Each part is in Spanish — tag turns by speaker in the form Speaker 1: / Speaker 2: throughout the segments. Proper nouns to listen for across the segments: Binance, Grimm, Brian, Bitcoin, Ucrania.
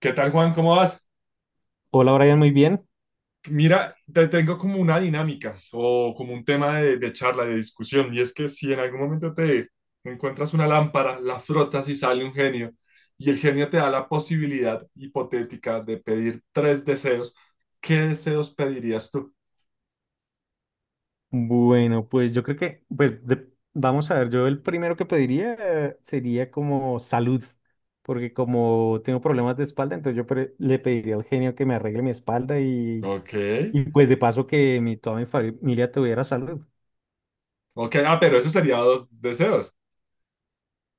Speaker 1: ¿Qué tal, Juan? ¿Cómo vas?
Speaker 2: Hola Brian, muy bien.
Speaker 1: Mira, te tengo como una dinámica o como un tema de charla, de discusión, y es que si en algún momento te encuentras una lámpara, la frotas y sale un genio, y el genio te da la posibilidad hipotética de pedir tres deseos. ¿Qué deseos pedirías tú?
Speaker 2: Bueno, pues yo creo que, pues vamos a ver, yo el primero que pediría sería como salud, porque como tengo problemas de espalda, entonces le pediría al genio que me arregle mi espalda
Speaker 1: Ok.
Speaker 2: y pues de paso que toda mi familia tuviera salud.
Speaker 1: Ok, ah, pero eso sería dos deseos.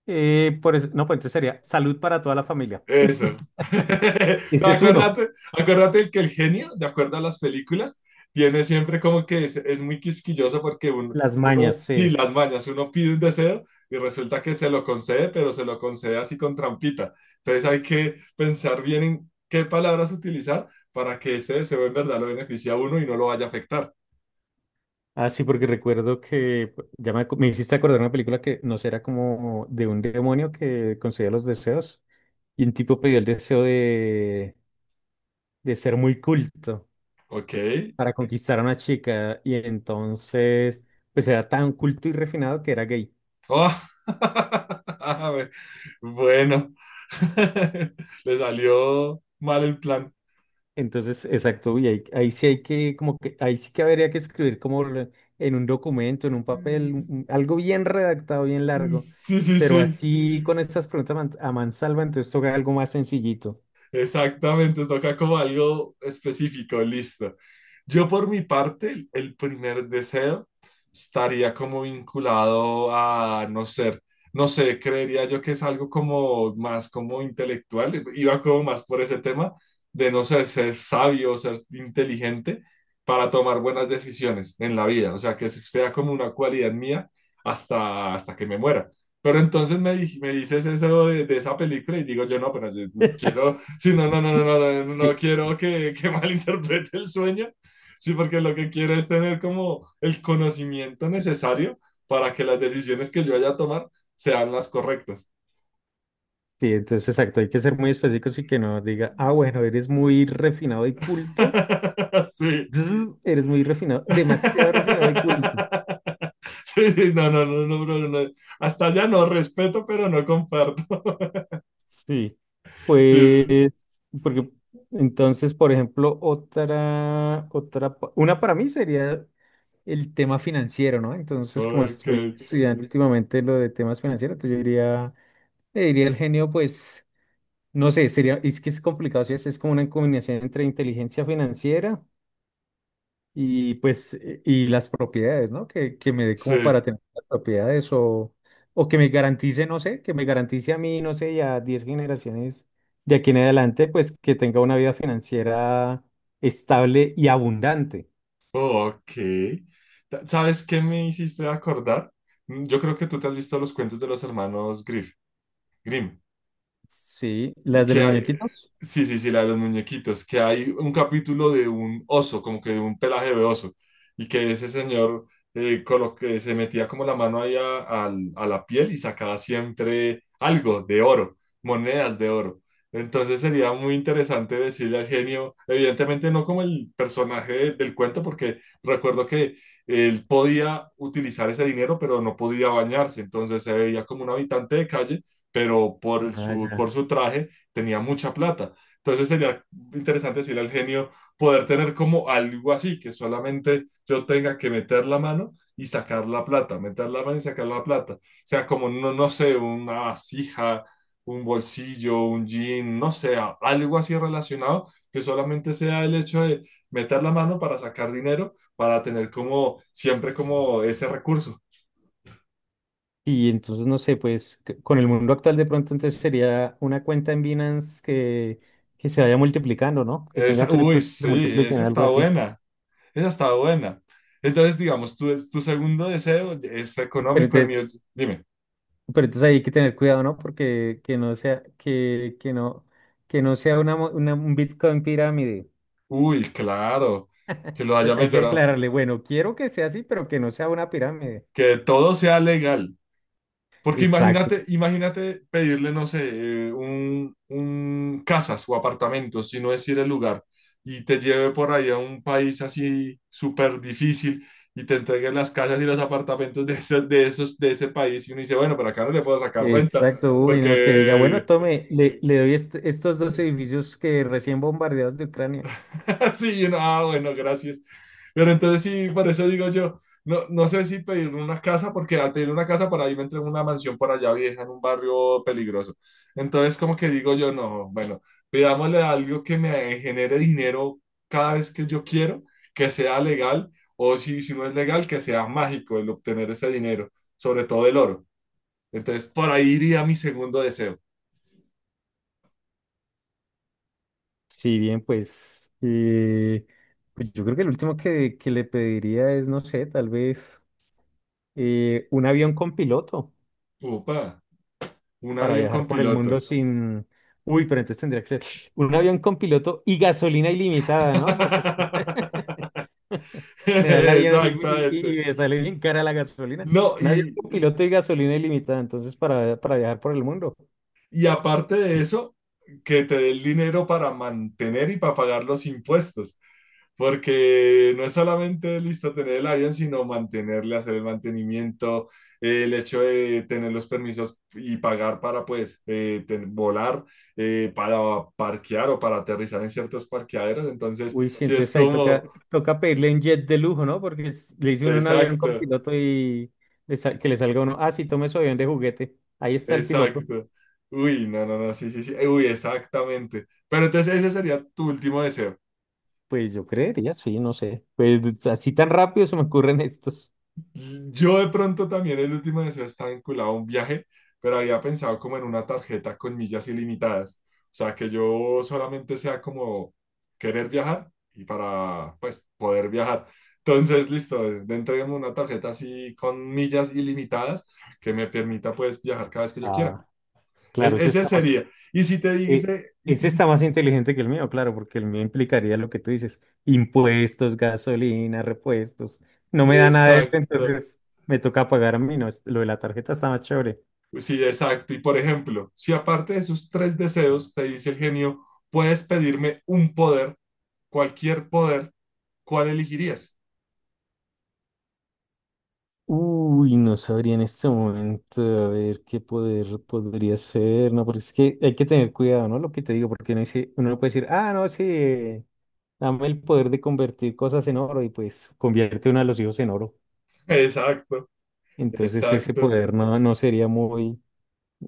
Speaker 2: Por eso, no, pues entonces sería salud para toda la familia.
Speaker 1: Eso. No,
Speaker 2: Ese es uno,
Speaker 1: acuérdate, acuérdate que el genio, de acuerdo a las películas, tiene siempre como que es muy quisquilloso porque uno,
Speaker 2: las mañas,
Speaker 1: uno, sí,
Speaker 2: sí.
Speaker 1: las mañas, uno pide un deseo y resulta que se lo concede, pero se lo concede así con trampita. Entonces hay que pensar bien en qué palabras utilizar para que ese deseo en verdad lo beneficie a uno y no lo vaya a afectar.
Speaker 2: Ah, sí, porque recuerdo que pues, me hiciste acordar una película que no sé, era como de un demonio que concedía los deseos y un tipo pidió el deseo de ser muy culto
Speaker 1: ¿Ok?
Speaker 2: para conquistar a una chica y entonces pues era tan culto y refinado que era gay.
Speaker 1: Oh. Bueno, le salió mal el plan.
Speaker 2: Entonces, exacto, y ahí sí hay que, como que, ahí sí que habría que escribir como en un documento, en un papel, algo bien redactado, bien largo,
Speaker 1: Sí, sí,
Speaker 2: pero
Speaker 1: sí.
Speaker 2: así con estas preguntas a a mansalva, entonces toca algo más sencillito.
Speaker 1: Exactamente, toca como algo específico, listo. Yo por mi parte, el primer deseo estaría como vinculado a no ser, no sé, creería yo que es algo como más como intelectual, iba como más por ese tema de no ser, ser sabio, ser inteligente para tomar buenas decisiones en la vida, o sea, que sea como una cualidad mía hasta, hasta que me muera. Pero entonces me, me dices eso de esa película y digo yo, no, pero yo quiero. Sí, no, no, no, no, no, no, no
Speaker 2: Sí,
Speaker 1: quiero que malinterprete el sueño. Sí, porque lo que quiero es tener como el conocimiento necesario para que las decisiones que yo vaya a tomar sean las correctas.
Speaker 2: sí, entonces exacto, hay que ser muy específicos y que no diga, ah, bueno, eres muy refinado y culto,
Speaker 1: Sí.
Speaker 2: Bzz, eres muy refinado, demasiado refinado y culto.
Speaker 1: Sí, sí, no, no, no, no, no, no. Hasta allá no respeto, pero no comparto.
Speaker 2: Sí,
Speaker 1: Sí,
Speaker 2: pues, porque entonces, por ejemplo, una para mí sería el tema financiero, ¿no?
Speaker 1: sí.
Speaker 2: Entonces, como
Speaker 1: Ok,
Speaker 2: estoy estudiando últimamente lo de temas financieros, entonces yo diría, le diría el genio, pues, no sé, sería, es que es complicado, si es, es como una combinación entre inteligencia financiera. Y pues, y las propiedades, ¿no? Que me dé como
Speaker 1: sí,
Speaker 2: para tener las propiedades o que me garantice, no sé, que me garantice a mí, no sé, y a 10 generaciones de aquí en adelante, pues que tenga una vida financiera estable y abundante.
Speaker 1: ok. ¿Sabes qué me hiciste acordar? Yo creo que tú te has visto los cuentos de los hermanos Grimm.
Speaker 2: Sí,
Speaker 1: Y
Speaker 2: las de
Speaker 1: que
Speaker 2: los
Speaker 1: hay,
Speaker 2: muñequitos.
Speaker 1: sí, sí, sí, la de los muñequitos, que hay un capítulo de un oso, como que de un pelaje de oso, y que ese señor con lo que se metía como la mano ahí a, a la piel y sacaba siempre algo de oro, monedas de oro. Entonces sería muy interesante decirle al genio, evidentemente no como el personaje del cuento, porque recuerdo que él podía utilizar ese dinero, pero no podía bañarse, entonces se veía como un habitante de calle, pero por
Speaker 2: Ah,
Speaker 1: su, por
Speaker 2: ya.
Speaker 1: su traje tenía mucha plata. Entonces sería interesante decirle al genio poder tener como algo así, que solamente yo tenga que meter la mano y sacar la plata, meter la mano y sacar la plata. O sea, como, no, no sé, una vasija, un bolsillo, un jean, no sé, algo así relacionado, que solamente sea el hecho de meter la mano para sacar dinero, para tener como siempre como ese recurso.
Speaker 2: Y entonces, no sé, pues con el mundo actual de pronto entonces sería una cuenta en Binance que se vaya multiplicando, ¿no? Que tenga
Speaker 1: Esa, uy,
Speaker 2: criptos que se
Speaker 1: sí,
Speaker 2: multipliquen,
Speaker 1: esa
Speaker 2: algo
Speaker 1: está
Speaker 2: así.
Speaker 1: buena. Esa estaba buena. Entonces, digamos, tu segundo deseo es
Speaker 2: Pero
Speaker 1: económico, el mío.
Speaker 2: entonces...
Speaker 1: Dime.
Speaker 2: Pero entonces ahí hay que tener cuidado, ¿no? Porque que no sea una, un Bitcoin pirámide.
Speaker 1: Uy, claro, que lo haya
Speaker 2: Entonces, hay que
Speaker 1: metido,
Speaker 2: aclararle, bueno, quiero que sea así, pero que no sea una pirámide.
Speaker 1: que todo sea legal. Porque
Speaker 2: Exacto,
Speaker 1: imagínate, imagínate pedirle, no sé, un casas o apartamentos, si no es ir el lugar, y te lleve por ahí a un país así súper difícil y te entreguen las casas y los apartamentos de, de, esos, de ese país. Y uno dice, bueno, pero acá no le puedo sacar renta
Speaker 2: exacto. Uy, no, que diga, bueno,
Speaker 1: porque
Speaker 2: tome, le doy estos dos edificios que recién bombardeados de Ucrania.
Speaker 1: sí, yo no, ah, bueno, gracias. Pero entonces sí, por eso digo yo, no, no sé si pedir una casa, porque al pedir una casa para ahí me entré en una mansión por allá vieja, en un barrio peligroso. Entonces como que digo yo, no, bueno, pidámosle algo que me genere dinero cada vez que yo quiero, que sea legal, o si, si no es legal, que sea mágico el obtener ese dinero, sobre todo el oro. Entonces por ahí iría mi segundo deseo.
Speaker 2: Si bien, pues, pues yo creo que el último que le pediría es, no sé, tal vez un avión con piloto.
Speaker 1: Upa, un
Speaker 2: Para
Speaker 1: avión
Speaker 2: viajar
Speaker 1: con
Speaker 2: por el mundo
Speaker 1: piloto.
Speaker 2: sin... Uy, pero entonces tendría que ser un avión con piloto y gasolina ilimitada, ¿no? Porque es que me da el avión
Speaker 1: Exactamente.
Speaker 2: y me sale bien cara la gasolina.
Speaker 1: No,
Speaker 2: Un avión con piloto y gasolina ilimitada, entonces para viajar por el mundo.
Speaker 1: y aparte de eso, que te dé el dinero para mantener y para pagar los impuestos. Porque no es solamente listo tener el avión, sino mantenerle, hacer el mantenimiento, el hecho de tener los permisos y pagar para pues volar, para parquear o para aterrizar en ciertos parqueaderos. Entonces,
Speaker 2: Uy, sí,
Speaker 1: sí es
Speaker 2: entonces ahí toca,
Speaker 1: como,
Speaker 2: toca pedirle un jet de lujo, ¿no? Porque le hice uno un avión con
Speaker 1: exacto.
Speaker 2: piloto y que le salga uno, ah, sí, tome su avión de juguete, ahí está el piloto.
Speaker 1: Exacto. Uy, no, no, no, sí, sí, sí. Uy, exactamente. Pero entonces ese sería tu último deseo.
Speaker 2: Pues yo creería, sí, no sé. Pues así tan rápido se me ocurren estos.
Speaker 1: Yo de pronto también el último deseo está vinculado a un viaje, pero había pensado como en una tarjeta con millas ilimitadas. O sea, que yo solamente sea como querer viajar y para, pues, poder viajar. Entonces, listo, dentro de una tarjeta así con millas ilimitadas que me permita, pues, viajar cada vez que yo quiera.
Speaker 2: Ah. Claro,
Speaker 1: Ese sería. Y si te
Speaker 2: eh,
Speaker 1: dice,
Speaker 2: ese está más inteligente que el mío, claro, porque el mío implicaría lo que tú dices, impuestos, gasolina, repuestos. No me da nada de eso,
Speaker 1: exacto.
Speaker 2: entonces me toca pagar a mí, no, lo de la tarjeta está más chévere.
Speaker 1: Pues sí, exacto. Y por ejemplo, si aparte de esos tres deseos, te dice el genio, puedes pedirme un poder, cualquier poder, ¿cuál elegirías?
Speaker 2: Uy, no sabría en este momento, a ver qué poder podría ser, no, porque es que hay que tener cuidado, ¿no? Lo que te digo, porque uno dice, uno no puede decir, ah, no, sí, dame el poder de convertir cosas en oro y pues convierte uno a los hijos en oro.
Speaker 1: Exacto,
Speaker 2: Entonces ese
Speaker 1: exacto,
Speaker 2: poder no, no sería muy...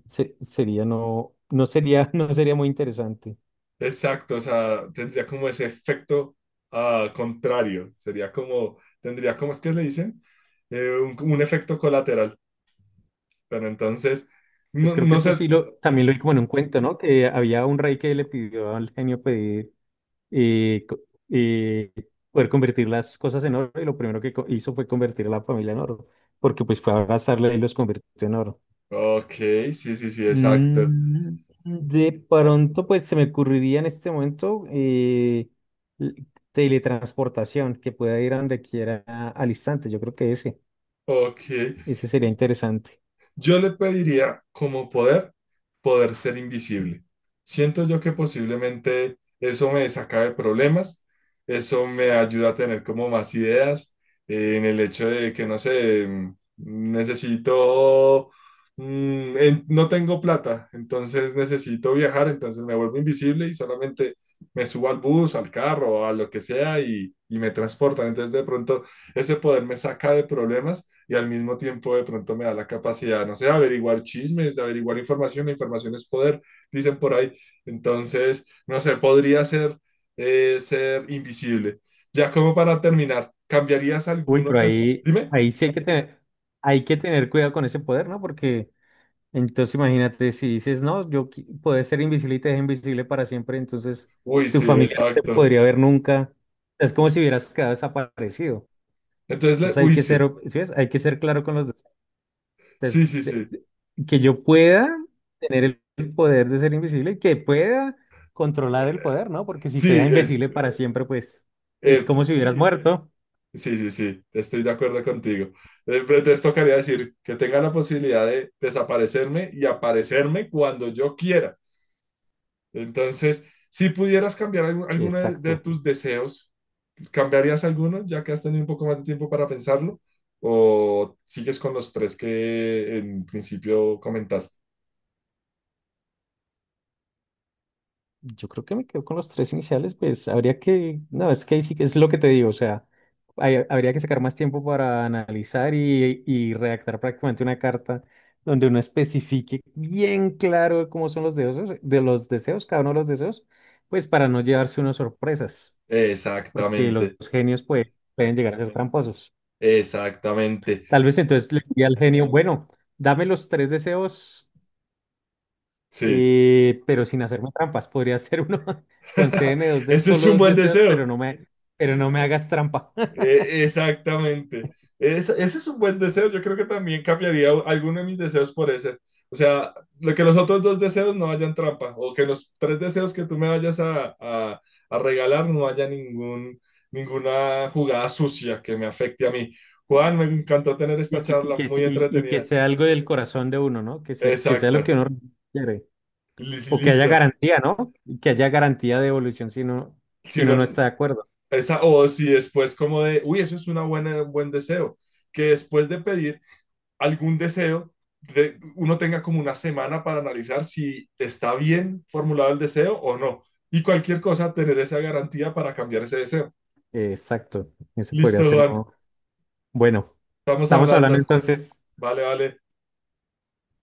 Speaker 2: Sería no, no sería, no sería muy interesante.
Speaker 1: exacto. O sea, tendría como ese efecto ah, contrario. Sería como, tendría como, es que le dicen, un efecto colateral. Pero entonces,
Speaker 2: Pues
Speaker 1: no,
Speaker 2: creo que
Speaker 1: no
Speaker 2: eso
Speaker 1: sé.
Speaker 2: sí lo, también lo vi como en un cuento, ¿no? Que había un rey que le pidió al genio pedir eh, co- eh, poder convertir las cosas en oro y lo primero que hizo fue convertir a la familia en oro, porque pues fue a abrazarla y los convirtió en oro.
Speaker 1: Ok, sí, sí, sí, exacto.
Speaker 2: Mm, de pronto pues se me ocurriría en este momento l- teletransportación, que pueda ir a donde quiera al instante. Yo creo que ese,
Speaker 1: Ok.
Speaker 2: ese sería interesante.
Speaker 1: Yo le pediría como poder, poder ser invisible. Siento yo que posiblemente eso me saca de problemas, eso me ayuda a tener como más ideas en el hecho de que, no sé, necesito, no tengo plata, entonces necesito viajar, entonces me vuelvo invisible y solamente me subo al bus, al carro, a lo que sea y me transportan. Entonces de pronto ese poder me saca de problemas y al mismo tiempo de pronto me da la capacidad, no sé, de averiguar chismes, de averiguar información, la información es poder, dicen por ahí. Entonces, no sé, podría ser, ser invisible. Ya como para terminar, ¿cambiarías
Speaker 2: Uy,
Speaker 1: alguno?
Speaker 2: pero ahí,
Speaker 1: Dime.
Speaker 2: ahí sí hay que tener cuidado con ese poder, ¿no? Porque entonces imagínate si dices, no, poder ser invisible y te dejo invisible para siempre, entonces
Speaker 1: Uy,
Speaker 2: tu
Speaker 1: sí,
Speaker 2: familia no te
Speaker 1: exacto.
Speaker 2: podría ver nunca. Es como si hubieras quedado desaparecido.
Speaker 1: Entonces,
Speaker 2: Entonces hay
Speaker 1: uy,
Speaker 2: que
Speaker 1: sí,
Speaker 2: ser, ¿sí ves? Hay que ser claro con los des-
Speaker 1: sí, sí,
Speaker 2: de-
Speaker 1: sí.
Speaker 2: que yo pueda tener el poder de ser invisible y que pueda controlar el poder, ¿no? Porque si te deja
Speaker 1: Sí,
Speaker 2: invisible para siempre, pues es
Speaker 1: eh,
Speaker 2: como si hubieras muerto.
Speaker 1: sí, sí, sí, estoy de acuerdo contigo. Pero entonces tocaría decir que tenga la posibilidad de desaparecerme y aparecerme cuando yo quiera. Entonces, si pudieras cambiar alguno de
Speaker 2: Exacto.
Speaker 1: tus deseos, ¿cambiarías alguno ya que has tenido un poco más de tiempo para pensarlo? ¿O sigues con los tres que en principio comentaste?
Speaker 2: Yo creo que me quedo con los tres iniciales, pues habría que, no, es que ahí sí que es lo que te digo, o sea, habría que sacar más tiempo para analizar y redactar prácticamente una carta donde uno especifique bien claro cómo son los deseos, de los deseos, cada uno de los deseos, pues para no llevarse unas sorpresas, porque los
Speaker 1: Exactamente,
Speaker 2: genios pues, pueden llegar a ser tramposos.
Speaker 1: exactamente.
Speaker 2: Tal vez entonces le diría al genio, bueno, dame los tres deseos.
Speaker 1: Sí,
Speaker 2: Pero sin hacerme trampas, podría ser uno. Concédeme dos de,
Speaker 1: ese es
Speaker 2: solo
Speaker 1: un
Speaker 2: dos
Speaker 1: buen
Speaker 2: deseos,
Speaker 1: deseo.
Speaker 2: pero no me hagas trampa.
Speaker 1: Exactamente. Ese es un buen deseo. Yo creo que también cambiaría alguno de mis deseos por ese. O sea, lo que los otros dos deseos no hayan trampa o que los tres deseos que tú me vayas a regalar no haya ningún, ninguna jugada sucia que me afecte a mí. Juan, me encantó tener esta charla muy
Speaker 2: Y, y que
Speaker 1: entretenida.
Speaker 2: sea algo del corazón de uno, ¿no? Que se que sea lo
Speaker 1: Exacto.
Speaker 2: que uno quiere. O que haya
Speaker 1: Listo.
Speaker 2: garantía, ¿no? Y que haya garantía de devolución si no,
Speaker 1: Si
Speaker 2: si uno no
Speaker 1: uno-
Speaker 2: está de acuerdo.
Speaker 1: esa, o si después como de, uy, eso es una buena, un buen deseo, que después de pedir algún deseo, uno tenga como una semana para analizar si está bien formulado el deseo o no. Y cualquier cosa, tener esa garantía para cambiar ese deseo.
Speaker 2: Exacto. Eso podría
Speaker 1: Listo,
Speaker 2: ser
Speaker 1: Juan.
Speaker 2: uno. Bueno,
Speaker 1: Estamos
Speaker 2: estamos hablando
Speaker 1: hablando.
Speaker 2: entonces.
Speaker 1: Vale, vale.